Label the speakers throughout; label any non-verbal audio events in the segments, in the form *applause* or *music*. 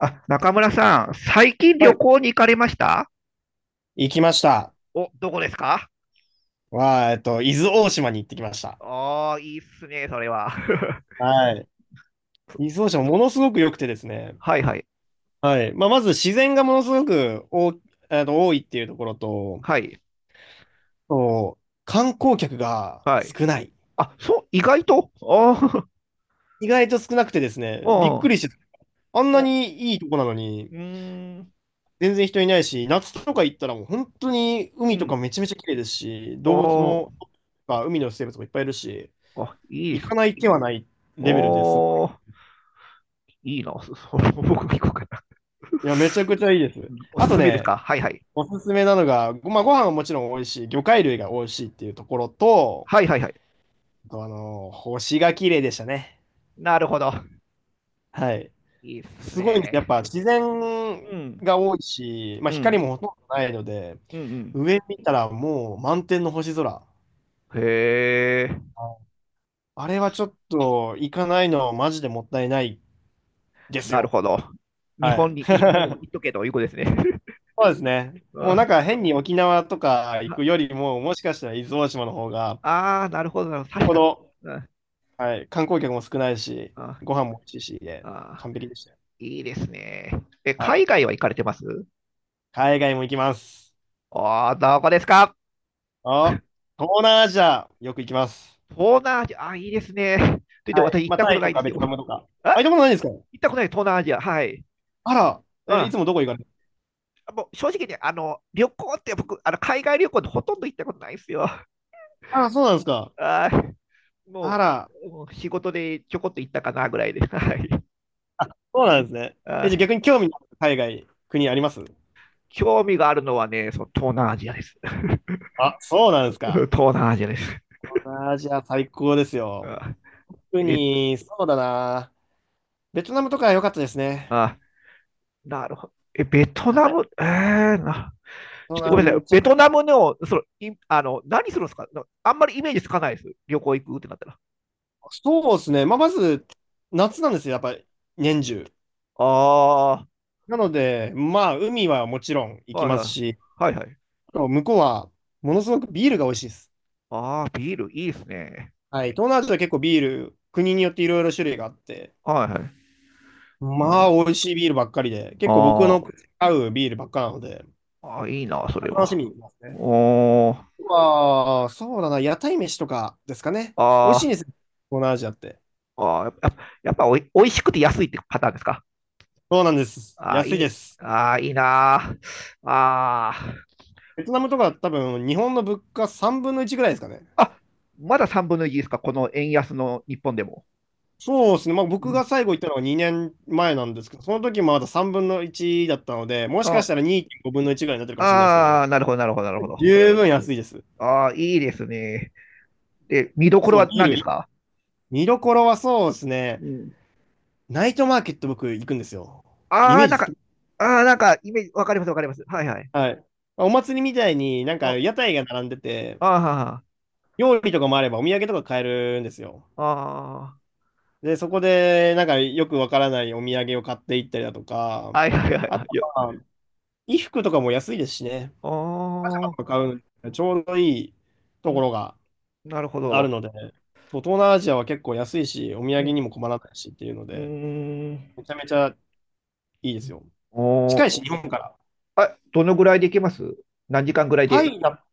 Speaker 1: あ、中村さん、最近
Speaker 2: は
Speaker 1: 旅
Speaker 2: い。
Speaker 1: 行に行かれました？
Speaker 2: 行きました。
Speaker 1: お、どこですか？
Speaker 2: は、えっと、伊豆大島に行ってきました。
Speaker 1: ああー、いいっすね、それは。*laughs*
Speaker 2: はい。伊豆大島ものすごく良くてですね。
Speaker 1: はいはい。
Speaker 2: はい。まあ、まず自然がものすごく多、あの、多いっていうところと、
Speaker 1: はい。
Speaker 2: そう、観光客が
Speaker 1: はい。
Speaker 2: 少ない。
Speaker 1: あ、そう、意外と
Speaker 2: 意外と少なくてです
Speaker 1: *laughs* あ
Speaker 2: ね、びっく
Speaker 1: ー、
Speaker 2: りして、あんな
Speaker 1: お、
Speaker 2: にいいとこなのに、
Speaker 1: うーん、
Speaker 2: 全然人いないし、夏とか行ったらもう本当に
Speaker 1: う
Speaker 2: 海と
Speaker 1: ん。
Speaker 2: かめちゃめちゃ綺麗ですし、動物
Speaker 1: お
Speaker 2: も、
Speaker 1: ー、
Speaker 2: まあ海の生物もいっぱいいるし、
Speaker 1: あ、いいっ
Speaker 2: 行
Speaker 1: す。
Speaker 2: かない手はないレベルですごい。
Speaker 1: おー、いいな。*laughs* 僕も行こうかな。
Speaker 2: いや、めちゃくちゃいいで
Speaker 1: *laughs*
Speaker 2: す。
Speaker 1: うん、お
Speaker 2: あ
Speaker 1: す
Speaker 2: と
Speaker 1: すめです
Speaker 2: ね、
Speaker 1: か？はいはい。
Speaker 2: おすすめなのが、まあ、ご飯はもちろん美味しい、魚介類が美味しいっていうところと、
Speaker 1: はいはいはい。
Speaker 2: あと、あの、星が綺麗でしたね。
Speaker 1: なるほど。
Speaker 2: はい。
Speaker 1: いいっす
Speaker 2: すごいんです。やっ
Speaker 1: ね。
Speaker 2: ぱ自
Speaker 1: う
Speaker 2: 然
Speaker 1: ん、
Speaker 2: が多いし、まあ、
Speaker 1: う
Speaker 2: 光
Speaker 1: ん、
Speaker 2: もほとんどないので、
Speaker 1: うん、
Speaker 2: 上見たらもう満天の星空。
Speaker 1: うん。へえ。
Speaker 2: ああれはちょっと行かないのはマジでもったいないです
Speaker 1: なる
Speaker 2: よ。
Speaker 1: ほど。日
Speaker 2: は
Speaker 1: 本
Speaker 2: い。
Speaker 1: にいる以上言っ
Speaker 2: *laughs*
Speaker 1: とけということですね。
Speaker 2: そうですね。もうなん
Speaker 1: *laughs*
Speaker 2: か変に沖縄とか行くよりも、もしかしたら伊豆大島の方が、
Speaker 1: ああー、なるほど、なるほど。確
Speaker 2: こ
Speaker 1: か、
Speaker 2: の
Speaker 1: うん。
Speaker 2: はい。観光客も少ないし、
Speaker 1: あ
Speaker 2: ご飯も美味しいし、で、
Speaker 1: あ、
Speaker 2: 完璧でしたよ。
Speaker 1: いいですね。え、
Speaker 2: は
Speaker 1: 海
Speaker 2: い。
Speaker 1: 外は行かれてます？
Speaker 2: 海外も行きます。
Speaker 1: ああー、どこですか？
Speaker 2: あ、東南アジア、よく行きます。
Speaker 1: 東南アジア、あ、いいですね。と言って私行っ
Speaker 2: まあ、
Speaker 1: た
Speaker 2: タ
Speaker 1: こと
Speaker 2: イ
Speaker 1: な
Speaker 2: と
Speaker 1: いで
Speaker 2: か
Speaker 1: す
Speaker 2: ベ
Speaker 1: よ。
Speaker 2: トナムとか。あ、行
Speaker 1: あ、
Speaker 2: ったことないんですか？
Speaker 1: 行ったことない、東南アジア。はい。
Speaker 2: あら、え、い
Speaker 1: あ、
Speaker 2: つもどこ行かれる？
Speaker 1: もう正直ね、旅行って僕、海外旅行でほとんど行ったことないですよ。
Speaker 2: あ、そうなんですか。
Speaker 1: あー、
Speaker 2: あ
Speaker 1: も
Speaker 2: ら、
Speaker 1: もう仕事でちょこっと行ったかなぐらいで。*laughs* はい。
Speaker 2: そうなんですね。え、じゃあ
Speaker 1: あ、
Speaker 2: 逆に興味のある海外、国あります？
Speaker 1: 興味があるのはね、その東南アジアです。*laughs*
Speaker 2: あ、そうなんですか。
Speaker 1: 東南アジアです。
Speaker 2: 東南アジア最高です
Speaker 1: *laughs*
Speaker 2: よ。
Speaker 1: あ
Speaker 2: 特
Speaker 1: え、
Speaker 2: に、そうだな。ベトナムとか良かったですね。
Speaker 1: あ、なるほど。え、ベト
Speaker 2: は
Speaker 1: ナ
Speaker 2: い。
Speaker 1: ム、ー、な、ちょっ
Speaker 2: 東
Speaker 1: とごめん
Speaker 2: 南
Speaker 1: なさい。
Speaker 2: めちゃ
Speaker 1: ベ
Speaker 2: く、
Speaker 1: トナムの、その、いあの、何するんですか？あんまりイメージつかないです。旅行行くってなったら。
Speaker 2: そうですね。まあ、まず、夏なんですよ、やっぱり、年中。
Speaker 1: あ
Speaker 2: なので、まあ、海はもちろん
Speaker 1: あ、
Speaker 2: 行き
Speaker 1: はい
Speaker 2: ま
Speaker 1: は
Speaker 2: すし、
Speaker 1: い。はいはい。
Speaker 2: あと向こうは、ものすごくビールが美味しいです。
Speaker 1: ああ、ビールいいですね。
Speaker 2: はい。東南アジア結構ビール、国によっていろいろ種類があって、
Speaker 1: はいはい。なるほ
Speaker 2: まあ、
Speaker 1: ど。
Speaker 2: 美味しいビールばっかりで、結構僕
Speaker 1: あ
Speaker 2: の
Speaker 1: ー、
Speaker 2: 合うビールばっかなので、
Speaker 1: あー、いいな、それ
Speaker 2: 楽し
Speaker 1: は。
Speaker 2: みに行きますね。
Speaker 1: おー、
Speaker 2: まあ、そうだな、屋台飯とかですかね。美味し
Speaker 1: あ
Speaker 2: いん
Speaker 1: ー、
Speaker 2: ですよ、東南アジアって。
Speaker 1: あー、やっぱおいしくて安いってパターンですか？
Speaker 2: そうなんです。
Speaker 1: あい
Speaker 2: 安い
Speaker 1: い、
Speaker 2: です。
Speaker 1: あ、いいなあ。あ
Speaker 2: ベトナムとか多分、日本の物価3分の1ぐらいですかね。
Speaker 1: あ、あ、まだ3分の1ですか、この円安の日本でも。
Speaker 2: そうですね、まあ、
Speaker 1: う
Speaker 2: 僕が
Speaker 1: ん。
Speaker 2: 最後行ったのは2年前なんですけど、その時もまだ3分の1だったので、もしか
Speaker 1: あ
Speaker 2: したら2.5分の1ぐらいになってるかもしれないですけど、
Speaker 1: あー、なるほど、なるほど、なるほど。
Speaker 2: 十分安いです。
Speaker 1: ああ、いいですね。で、見どころ
Speaker 2: そう、
Speaker 1: は
Speaker 2: ビー
Speaker 1: 何です
Speaker 2: ル、
Speaker 1: か？
Speaker 2: 見どころはそうですね、
Speaker 1: うん。
Speaker 2: ナイトマーケット僕行くんですよ。イ
Speaker 1: あ
Speaker 2: メ
Speaker 1: あ、
Speaker 2: ー
Speaker 1: な
Speaker 2: ジ
Speaker 1: ん
Speaker 2: 好
Speaker 1: か、
Speaker 2: き。
Speaker 1: ああ、なんか、イメージ、わかります、わかります。はいはい。
Speaker 2: はい。お祭りみたいになん
Speaker 1: あ
Speaker 2: か
Speaker 1: あ
Speaker 2: 屋台が並んでて、
Speaker 1: ー、
Speaker 2: 料理とかもあればお土産とか買えるんですよ。
Speaker 1: あ
Speaker 2: で、そこでなんかよくわからないお土産を買っていったりだとか、
Speaker 1: あ、はいはいはい
Speaker 2: あ
Speaker 1: は
Speaker 2: と
Speaker 1: い。よ
Speaker 2: は衣服とかも安いですしね。
Speaker 1: ああ、
Speaker 2: 買うのにねちょうどいいと
Speaker 1: う
Speaker 2: こ
Speaker 1: ん、
Speaker 2: ろが
Speaker 1: なるほ
Speaker 2: ある
Speaker 1: ど。
Speaker 2: ので、そう東南アジアは結構安いし、お土
Speaker 1: う
Speaker 2: 産
Speaker 1: ん、
Speaker 2: にも困らないしっていうの
Speaker 1: う
Speaker 2: で、
Speaker 1: ーん。
Speaker 2: めちゃめちゃいいですよ。
Speaker 1: お
Speaker 2: 近い
Speaker 1: ー、
Speaker 2: し、日本から。
Speaker 1: あ、どのぐらいで行けます？何時間ぐらい
Speaker 2: タ
Speaker 1: で？
Speaker 2: イだ、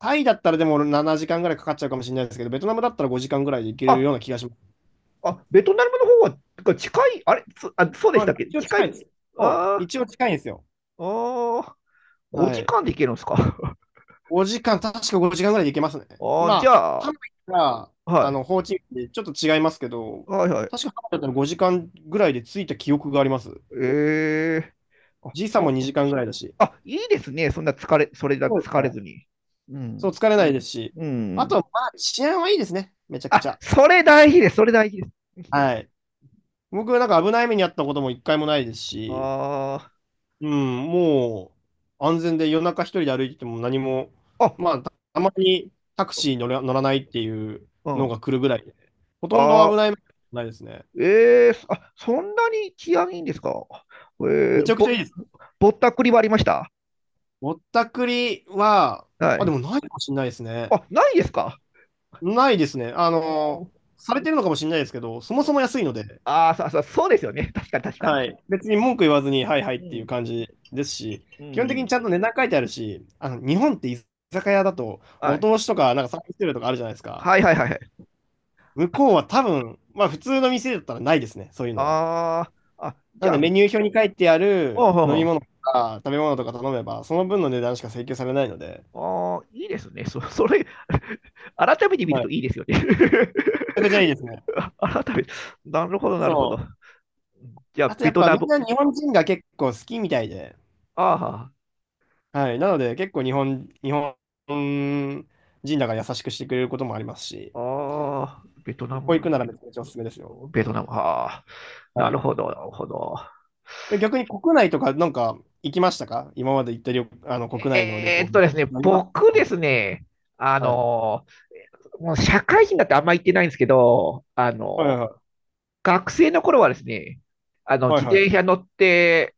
Speaker 2: タイだったらでも7時間ぐらいかかっちゃうかもしれないですけど、ベトナムだったら5時間ぐらいで行けるよう
Speaker 1: あ
Speaker 2: な気がします。
Speaker 1: あ、ベトナムの方は、てか近い、あれ、そうで
Speaker 2: ま
Speaker 1: した
Speaker 2: あ、
Speaker 1: っけ、
Speaker 2: 一応
Speaker 1: 近
Speaker 2: 近い
Speaker 1: い？
Speaker 2: です。そう、
Speaker 1: あー、
Speaker 2: 一応近いんですよ。
Speaker 1: あー、
Speaker 2: は
Speaker 1: 5
Speaker 2: い。
Speaker 1: 時間で行けるんですか。
Speaker 2: 5時間、確か5時間ぐらいで行けますね。
Speaker 1: *laughs* あー、じ
Speaker 2: ま
Speaker 1: ゃ
Speaker 2: あ、ハ
Speaker 1: あ、
Speaker 2: ノイから、
Speaker 1: は
Speaker 2: あ
Speaker 1: い、
Speaker 2: の、ホーチミンってちょっと違いますけど、
Speaker 1: はいはい。
Speaker 2: 確かハノイだったら5時間ぐらいで着いた記憶があります。
Speaker 1: えー、あ、
Speaker 2: 時差も2時間ぐらいだし、
Speaker 1: あ、いいですね。そんな疲れ、それだ、
Speaker 2: そうです
Speaker 1: 疲れず
Speaker 2: ね。
Speaker 1: に。う
Speaker 2: そう、
Speaker 1: ん、
Speaker 2: 疲れないですし、
Speaker 1: う
Speaker 2: あと
Speaker 1: ん。
Speaker 2: は、まあ、治安はいいですね、めちゃく
Speaker 1: あ、
Speaker 2: ちゃ。
Speaker 1: それ大事です。それ大事です。
Speaker 2: はい。僕、なんか危ない目に遭ったことも一回もないですし、
Speaker 1: あ
Speaker 2: うん、もう安全で夜中一人で歩いてても何も、
Speaker 1: ー、あ、
Speaker 2: まあ、たまにタクシー乗ら、乗らないっていう
Speaker 1: う
Speaker 2: の
Speaker 1: ん。
Speaker 2: が来るぐらいで、ほとんど
Speaker 1: あ
Speaker 2: 危ない目に遭ってないですね。
Speaker 1: ー、あ、そんなに治安いいんですか？え
Speaker 2: め
Speaker 1: ー、
Speaker 2: ちゃくちゃ
Speaker 1: ぼ、
Speaker 2: いいです。
Speaker 1: ぼったくりはありました？
Speaker 2: ぼったくりは、
Speaker 1: は
Speaker 2: あ、で
Speaker 1: い。
Speaker 2: もないかもしれないですね。
Speaker 1: あ、ないですか。
Speaker 2: ないですね。あ
Speaker 1: お
Speaker 2: の、
Speaker 1: ー、
Speaker 2: されてるのかもしれないですけど、そもそも安いので、
Speaker 1: ああ、そうそうそうですよね。*laughs* 確かに確か
Speaker 2: は
Speaker 1: に。
Speaker 2: い。別に文句言わずに、はいはいっ
Speaker 1: う
Speaker 2: ていう
Speaker 1: ん。
Speaker 2: 感じですし、
Speaker 1: う
Speaker 2: 基本
Speaker 1: んう
Speaker 2: 的に
Speaker 1: ん。
Speaker 2: ちゃんと値段書いてあるし、あの、日本って居酒屋だと、ま
Speaker 1: は
Speaker 2: あ、お
Speaker 1: い。
Speaker 2: 通しとか、なんかサービス料とかあるじゃないですか。
Speaker 1: はいはいはいはい。
Speaker 2: 向こうは多分、まあ普通の店だったらないですね、そういうのが。
Speaker 1: ああ、あ、
Speaker 2: な
Speaker 1: じ
Speaker 2: の
Speaker 1: ゃ
Speaker 2: でメ
Speaker 1: あ、
Speaker 2: ニュー表に書いてあ
Speaker 1: おう
Speaker 2: る
Speaker 1: ほう
Speaker 2: 飲
Speaker 1: ほ
Speaker 2: み物
Speaker 1: う、
Speaker 2: とか食べ物とか頼めば、その分の値段しか請求されないので、
Speaker 1: あー、いいですね。*laughs* それ、*laughs* 改めて見る
Speaker 2: はい。
Speaker 1: と
Speaker 2: めち
Speaker 1: いいですよね。
Speaker 2: ゃくちゃいいですね。
Speaker 1: *laughs* 改めて、なるほど、なるほど。
Speaker 2: そう。
Speaker 1: じゃ
Speaker 2: あ
Speaker 1: あ、
Speaker 2: と
Speaker 1: ベ
Speaker 2: やっ
Speaker 1: ト
Speaker 2: ぱ
Speaker 1: ナ
Speaker 2: みん
Speaker 1: ム。
Speaker 2: な日本人が結構好きみたいで、
Speaker 1: あ
Speaker 2: はい。なので結構日本人だから優しくしてくれることもありますし、
Speaker 1: あ、ああ、ベトナ
Speaker 2: 行く
Speaker 1: ム、
Speaker 2: ならめちゃめちゃおすすめですよ。
Speaker 1: ベトナム。ああ、な
Speaker 2: は
Speaker 1: る
Speaker 2: い。
Speaker 1: ほど、なるほど。
Speaker 2: で、逆に国内とかなんか行きましたか？今まで行った旅、あの国内の旅行で。
Speaker 1: ですね、
Speaker 2: 何度か。
Speaker 1: 僕ですね、あ
Speaker 2: はい。
Speaker 1: の、もう社会人だってあんま行ってないんですけど、
Speaker 2: はいはいはい。
Speaker 1: 学生の頃はですね、
Speaker 2: はい
Speaker 1: 自
Speaker 2: はい。
Speaker 1: 転車乗って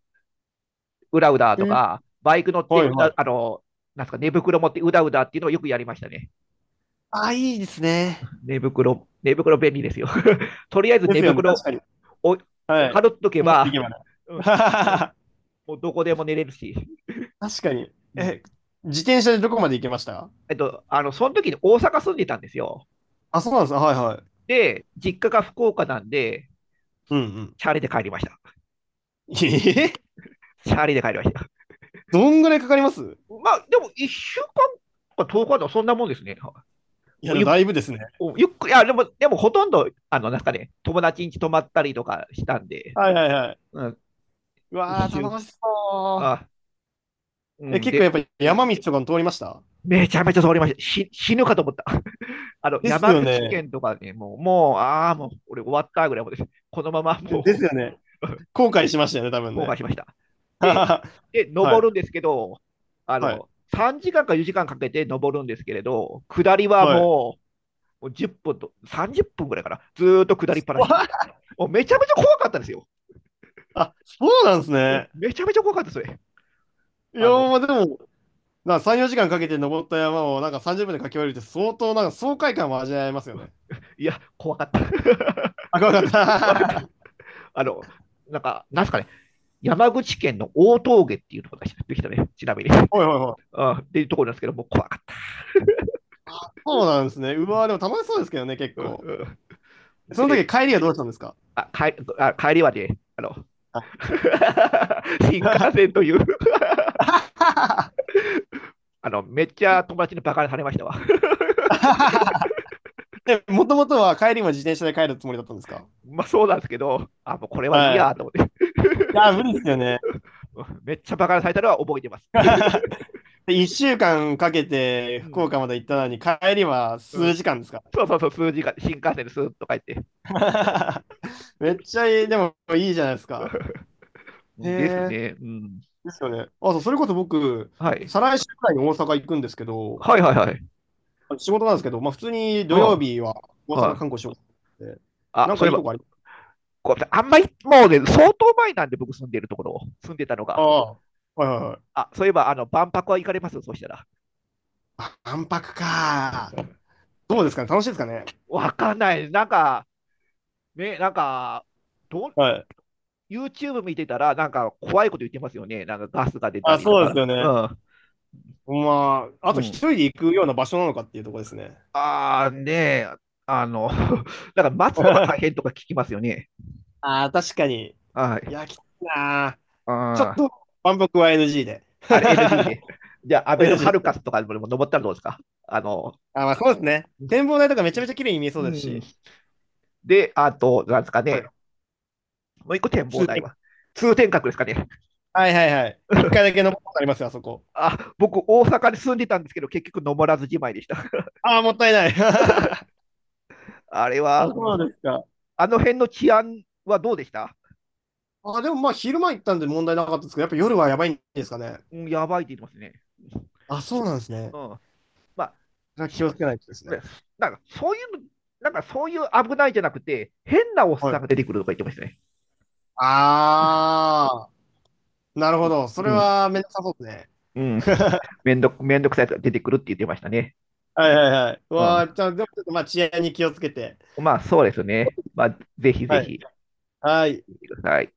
Speaker 1: うだうだ
Speaker 2: え
Speaker 1: と
Speaker 2: ー
Speaker 1: か、バイク乗って
Speaker 2: は
Speaker 1: う
Speaker 2: いは
Speaker 1: だ、
Speaker 2: い。
Speaker 1: あの、なんすか、寝袋持ってうだうだっていうのをよくやりましたね。
Speaker 2: ああ、いいですね。
Speaker 1: 寝袋、寝袋便利ですよ。*laughs* とりあえず
Speaker 2: で
Speaker 1: 寝
Speaker 2: すよね、確
Speaker 1: 袋
Speaker 2: かに。
Speaker 1: を
Speaker 2: はい。
Speaker 1: かぶっとけ
Speaker 2: もっと行
Speaker 1: ば、
Speaker 2: けばね。
Speaker 1: う
Speaker 2: *laughs*
Speaker 1: ん、
Speaker 2: はははは、
Speaker 1: もうどこでも寝れるし。
Speaker 2: 確かに。
Speaker 1: うん、
Speaker 2: え、自転車でどこまで行けました？
Speaker 1: えっと、その時に大阪住んでたんですよ。
Speaker 2: あ、そうなんです。はいはい。
Speaker 1: で、実家が福岡なんで、
Speaker 2: うんうん。
Speaker 1: チャリで帰りました。
Speaker 2: ええ。
Speaker 1: チャリで帰りました。
Speaker 2: どんぐらいかかります？
Speaker 1: まあ、でも1週間か遠く日とおかではそんなもんですね。
Speaker 2: いや、でも
Speaker 1: ゆ
Speaker 2: だいぶですね。
Speaker 1: ゆっくり、いやでも、でもほとんど、あの、なんかね、友達ん家泊まったりとかしたんで、
Speaker 2: はいはいはい。
Speaker 1: うん、
Speaker 2: うわ
Speaker 1: 一
Speaker 2: ー、
Speaker 1: 週、
Speaker 2: 楽しそう。
Speaker 1: あ、う
Speaker 2: え、
Speaker 1: ん、
Speaker 2: 結構
Speaker 1: で、
Speaker 2: やっぱり山道とかも通りました？
Speaker 1: めちゃめちゃ通りました。死ぬかと思った。*laughs* あの、
Speaker 2: です
Speaker 1: 山
Speaker 2: よ
Speaker 1: 口
Speaker 2: ね。
Speaker 1: 県とかね、もう、ああ、もう、俺終わったぐらいもです。このまま
Speaker 2: で
Speaker 1: も
Speaker 2: す
Speaker 1: う、
Speaker 2: よね。後悔しましたよね、多
Speaker 1: *laughs*
Speaker 2: 分
Speaker 1: 後
Speaker 2: ね。
Speaker 1: 悔しました。
Speaker 2: *laughs*
Speaker 1: で、
Speaker 2: は
Speaker 1: で、登る
Speaker 2: い、
Speaker 1: んですけど、あ
Speaker 2: はい、
Speaker 1: の、3時間か4時間かんかけて登るんですけれど、下りは
Speaker 2: はい。
Speaker 1: も、もう10分と30分ぐらいかな、ずーっと下りっぱなし。もうめちゃめちゃ怖かったんですよ。
Speaker 2: あ、そうなんですね。
Speaker 1: めちゃめちゃ怖かったですね。
Speaker 2: いや
Speaker 1: あの、
Speaker 2: ー、まあでも、なんか3、4時間かけて登った山をなんか30分で駆け下りるって相当なんか爽快感も味わえますよね。
Speaker 1: いや、怖かった。*laughs*
Speaker 2: あ、怖かっ
Speaker 1: 怖かった。
Speaker 2: た。*laughs*
Speaker 1: あの、なんか、なんすかね、山口県の大峠っていうところができたね、ちなみに。*laughs*
Speaker 2: ほいほいほい。
Speaker 1: あっていうところなんですけど、もう怖かった。
Speaker 2: そうなんですね。うわー、でも楽しそうですけどね、結構。
Speaker 1: *laughs*
Speaker 2: その
Speaker 1: で、
Speaker 2: 時帰りはどうしたんですか？
Speaker 1: 帰りはね、あの、
Speaker 2: は
Speaker 1: *laughs* 新幹線という、あの、めっちゃ友達にバカにされましたわ。
Speaker 2: い。 *laughs* で、もともとは帰りも自転車で帰るつもりだったんですか？
Speaker 1: *laughs* まあそうなんですけど、あ、もうこれはいい
Speaker 2: は
Speaker 1: や
Speaker 2: い。
Speaker 1: と
Speaker 2: い
Speaker 1: 思って。*laughs*
Speaker 2: やー、無理ですよね。
Speaker 1: *laughs* めっちゃバカなタイトルは覚えてます。*laughs*
Speaker 2: *laughs* で、1週間かけて
Speaker 1: う
Speaker 2: 福
Speaker 1: ん、
Speaker 2: 岡まで行ったのに、帰りは
Speaker 1: *laughs* う
Speaker 2: 数
Speaker 1: ん、
Speaker 2: 時間ですか？
Speaker 1: そうそうそう、数字が新幹線でスーッと書いて。
Speaker 2: ら *laughs* めっちゃいい、でもいいじゃないですか。
Speaker 1: *laughs*。
Speaker 2: へ
Speaker 1: です
Speaker 2: え、
Speaker 1: ね、うん。
Speaker 2: ですよね。あ、そう、それこそ僕、
Speaker 1: はい。
Speaker 2: 再来週くらいに大阪行くんですけど、
Speaker 1: はいはいはい。
Speaker 2: 仕事なんですけど、まあ普通に
Speaker 1: う
Speaker 2: 土曜
Speaker 1: ん。
Speaker 2: 日は大阪
Speaker 1: は
Speaker 2: 観光し
Speaker 1: い。
Speaker 2: ようと思って、
Speaker 1: あ、
Speaker 2: なん
Speaker 1: そ
Speaker 2: か
Speaker 1: ういえ
Speaker 2: いいと
Speaker 1: ば、
Speaker 2: こあり、
Speaker 1: あんまり、もうね、相当前なんで、僕住んでるところ、住んでたの
Speaker 2: あ
Speaker 1: が。
Speaker 2: あ、はいはいはい。
Speaker 1: あ、そういえば、あの、万博は行かれます、そうしたら？
Speaker 2: あ、万博か。どうですかね、楽しいですかね？
Speaker 1: わかんない。なんか、ね、なんか、どう、
Speaker 2: はい。
Speaker 1: YouTube 見てたら、なんか怖いこと言ってますよね。なんかガスが出た
Speaker 2: あ、
Speaker 1: りと
Speaker 2: そうです
Speaker 1: か。
Speaker 2: よ
Speaker 1: う
Speaker 2: ね。
Speaker 1: ん。
Speaker 2: まあ、あ
Speaker 1: う
Speaker 2: と一
Speaker 1: ん、
Speaker 2: 人で行くような場所なのかっていうところですね。
Speaker 1: ああ、ねえ、あの、*laughs* だから待つのが大
Speaker 2: *laughs*
Speaker 1: 変とか聞きますよね。
Speaker 2: ああ、確かに。
Speaker 1: は
Speaker 2: い
Speaker 1: い。
Speaker 2: や、きついなー。
Speaker 1: あ
Speaker 2: ちょっ
Speaker 1: ー
Speaker 2: と、万博は NG で。
Speaker 1: あれ NG
Speaker 2: *laughs*
Speaker 1: で。*laughs* じゃあ、アベノハ
Speaker 2: NG
Speaker 1: ルカ
Speaker 2: で。
Speaker 1: スとかでも登ったらどうですか？あの、
Speaker 2: あ、まあそうですね。展望台とかめちゃめちゃ綺麗に見えそ
Speaker 1: う
Speaker 2: うです
Speaker 1: ん。
Speaker 2: し。
Speaker 1: で、あと、なんですか
Speaker 2: はい。
Speaker 1: ね。もう一個展望
Speaker 2: 通
Speaker 1: 台
Speaker 2: 天
Speaker 1: は。通天閣ですかね。
Speaker 2: はいはいはい。一回だ
Speaker 1: *laughs*
Speaker 2: け登ったことありますよ、あそこ。
Speaker 1: あ、僕、大阪に住んでたんですけど、結局登らずじまいでした。*laughs*
Speaker 2: ああ、もったいない。*laughs*
Speaker 1: あれ
Speaker 2: あ、
Speaker 1: は、うん、
Speaker 2: そうなんですか。
Speaker 1: あの辺の治安はどうでした？
Speaker 2: あ、でもまあ昼間行ったんで問題なかったですけど、やっぱ夜はやばいんですかね。
Speaker 1: うん、やばいって言いますね。
Speaker 2: あ、そうなんですね。
Speaker 1: うん。まあ、
Speaker 2: それは気
Speaker 1: し
Speaker 2: をつけないとですね。
Speaker 1: ねなんかそういうの、なんかそういう、危ないじゃなくて、変なおっ
Speaker 2: は
Speaker 1: さん
Speaker 2: い。
Speaker 1: が出てくるとか言ってましたね。
Speaker 2: ああ、なるほど。そ
Speaker 1: う
Speaker 2: れ
Speaker 1: ん、
Speaker 2: はめんどくさそうですね。
Speaker 1: うん、
Speaker 2: *laughs*
Speaker 1: めんどくさいやつが出てくるって言ってましたね。
Speaker 2: はいはいはい。う
Speaker 1: う
Speaker 2: わあ、
Speaker 1: ん、
Speaker 2: じゃあ、でもちょっとまあ治安に気をつけて。
Speaker 1: まあ、そうですね。まあ、ぜひぜ
Speaker 2: はい。
Speaker 1: ひ、
Speaker 2: はい。
Speaker 1: 見てください。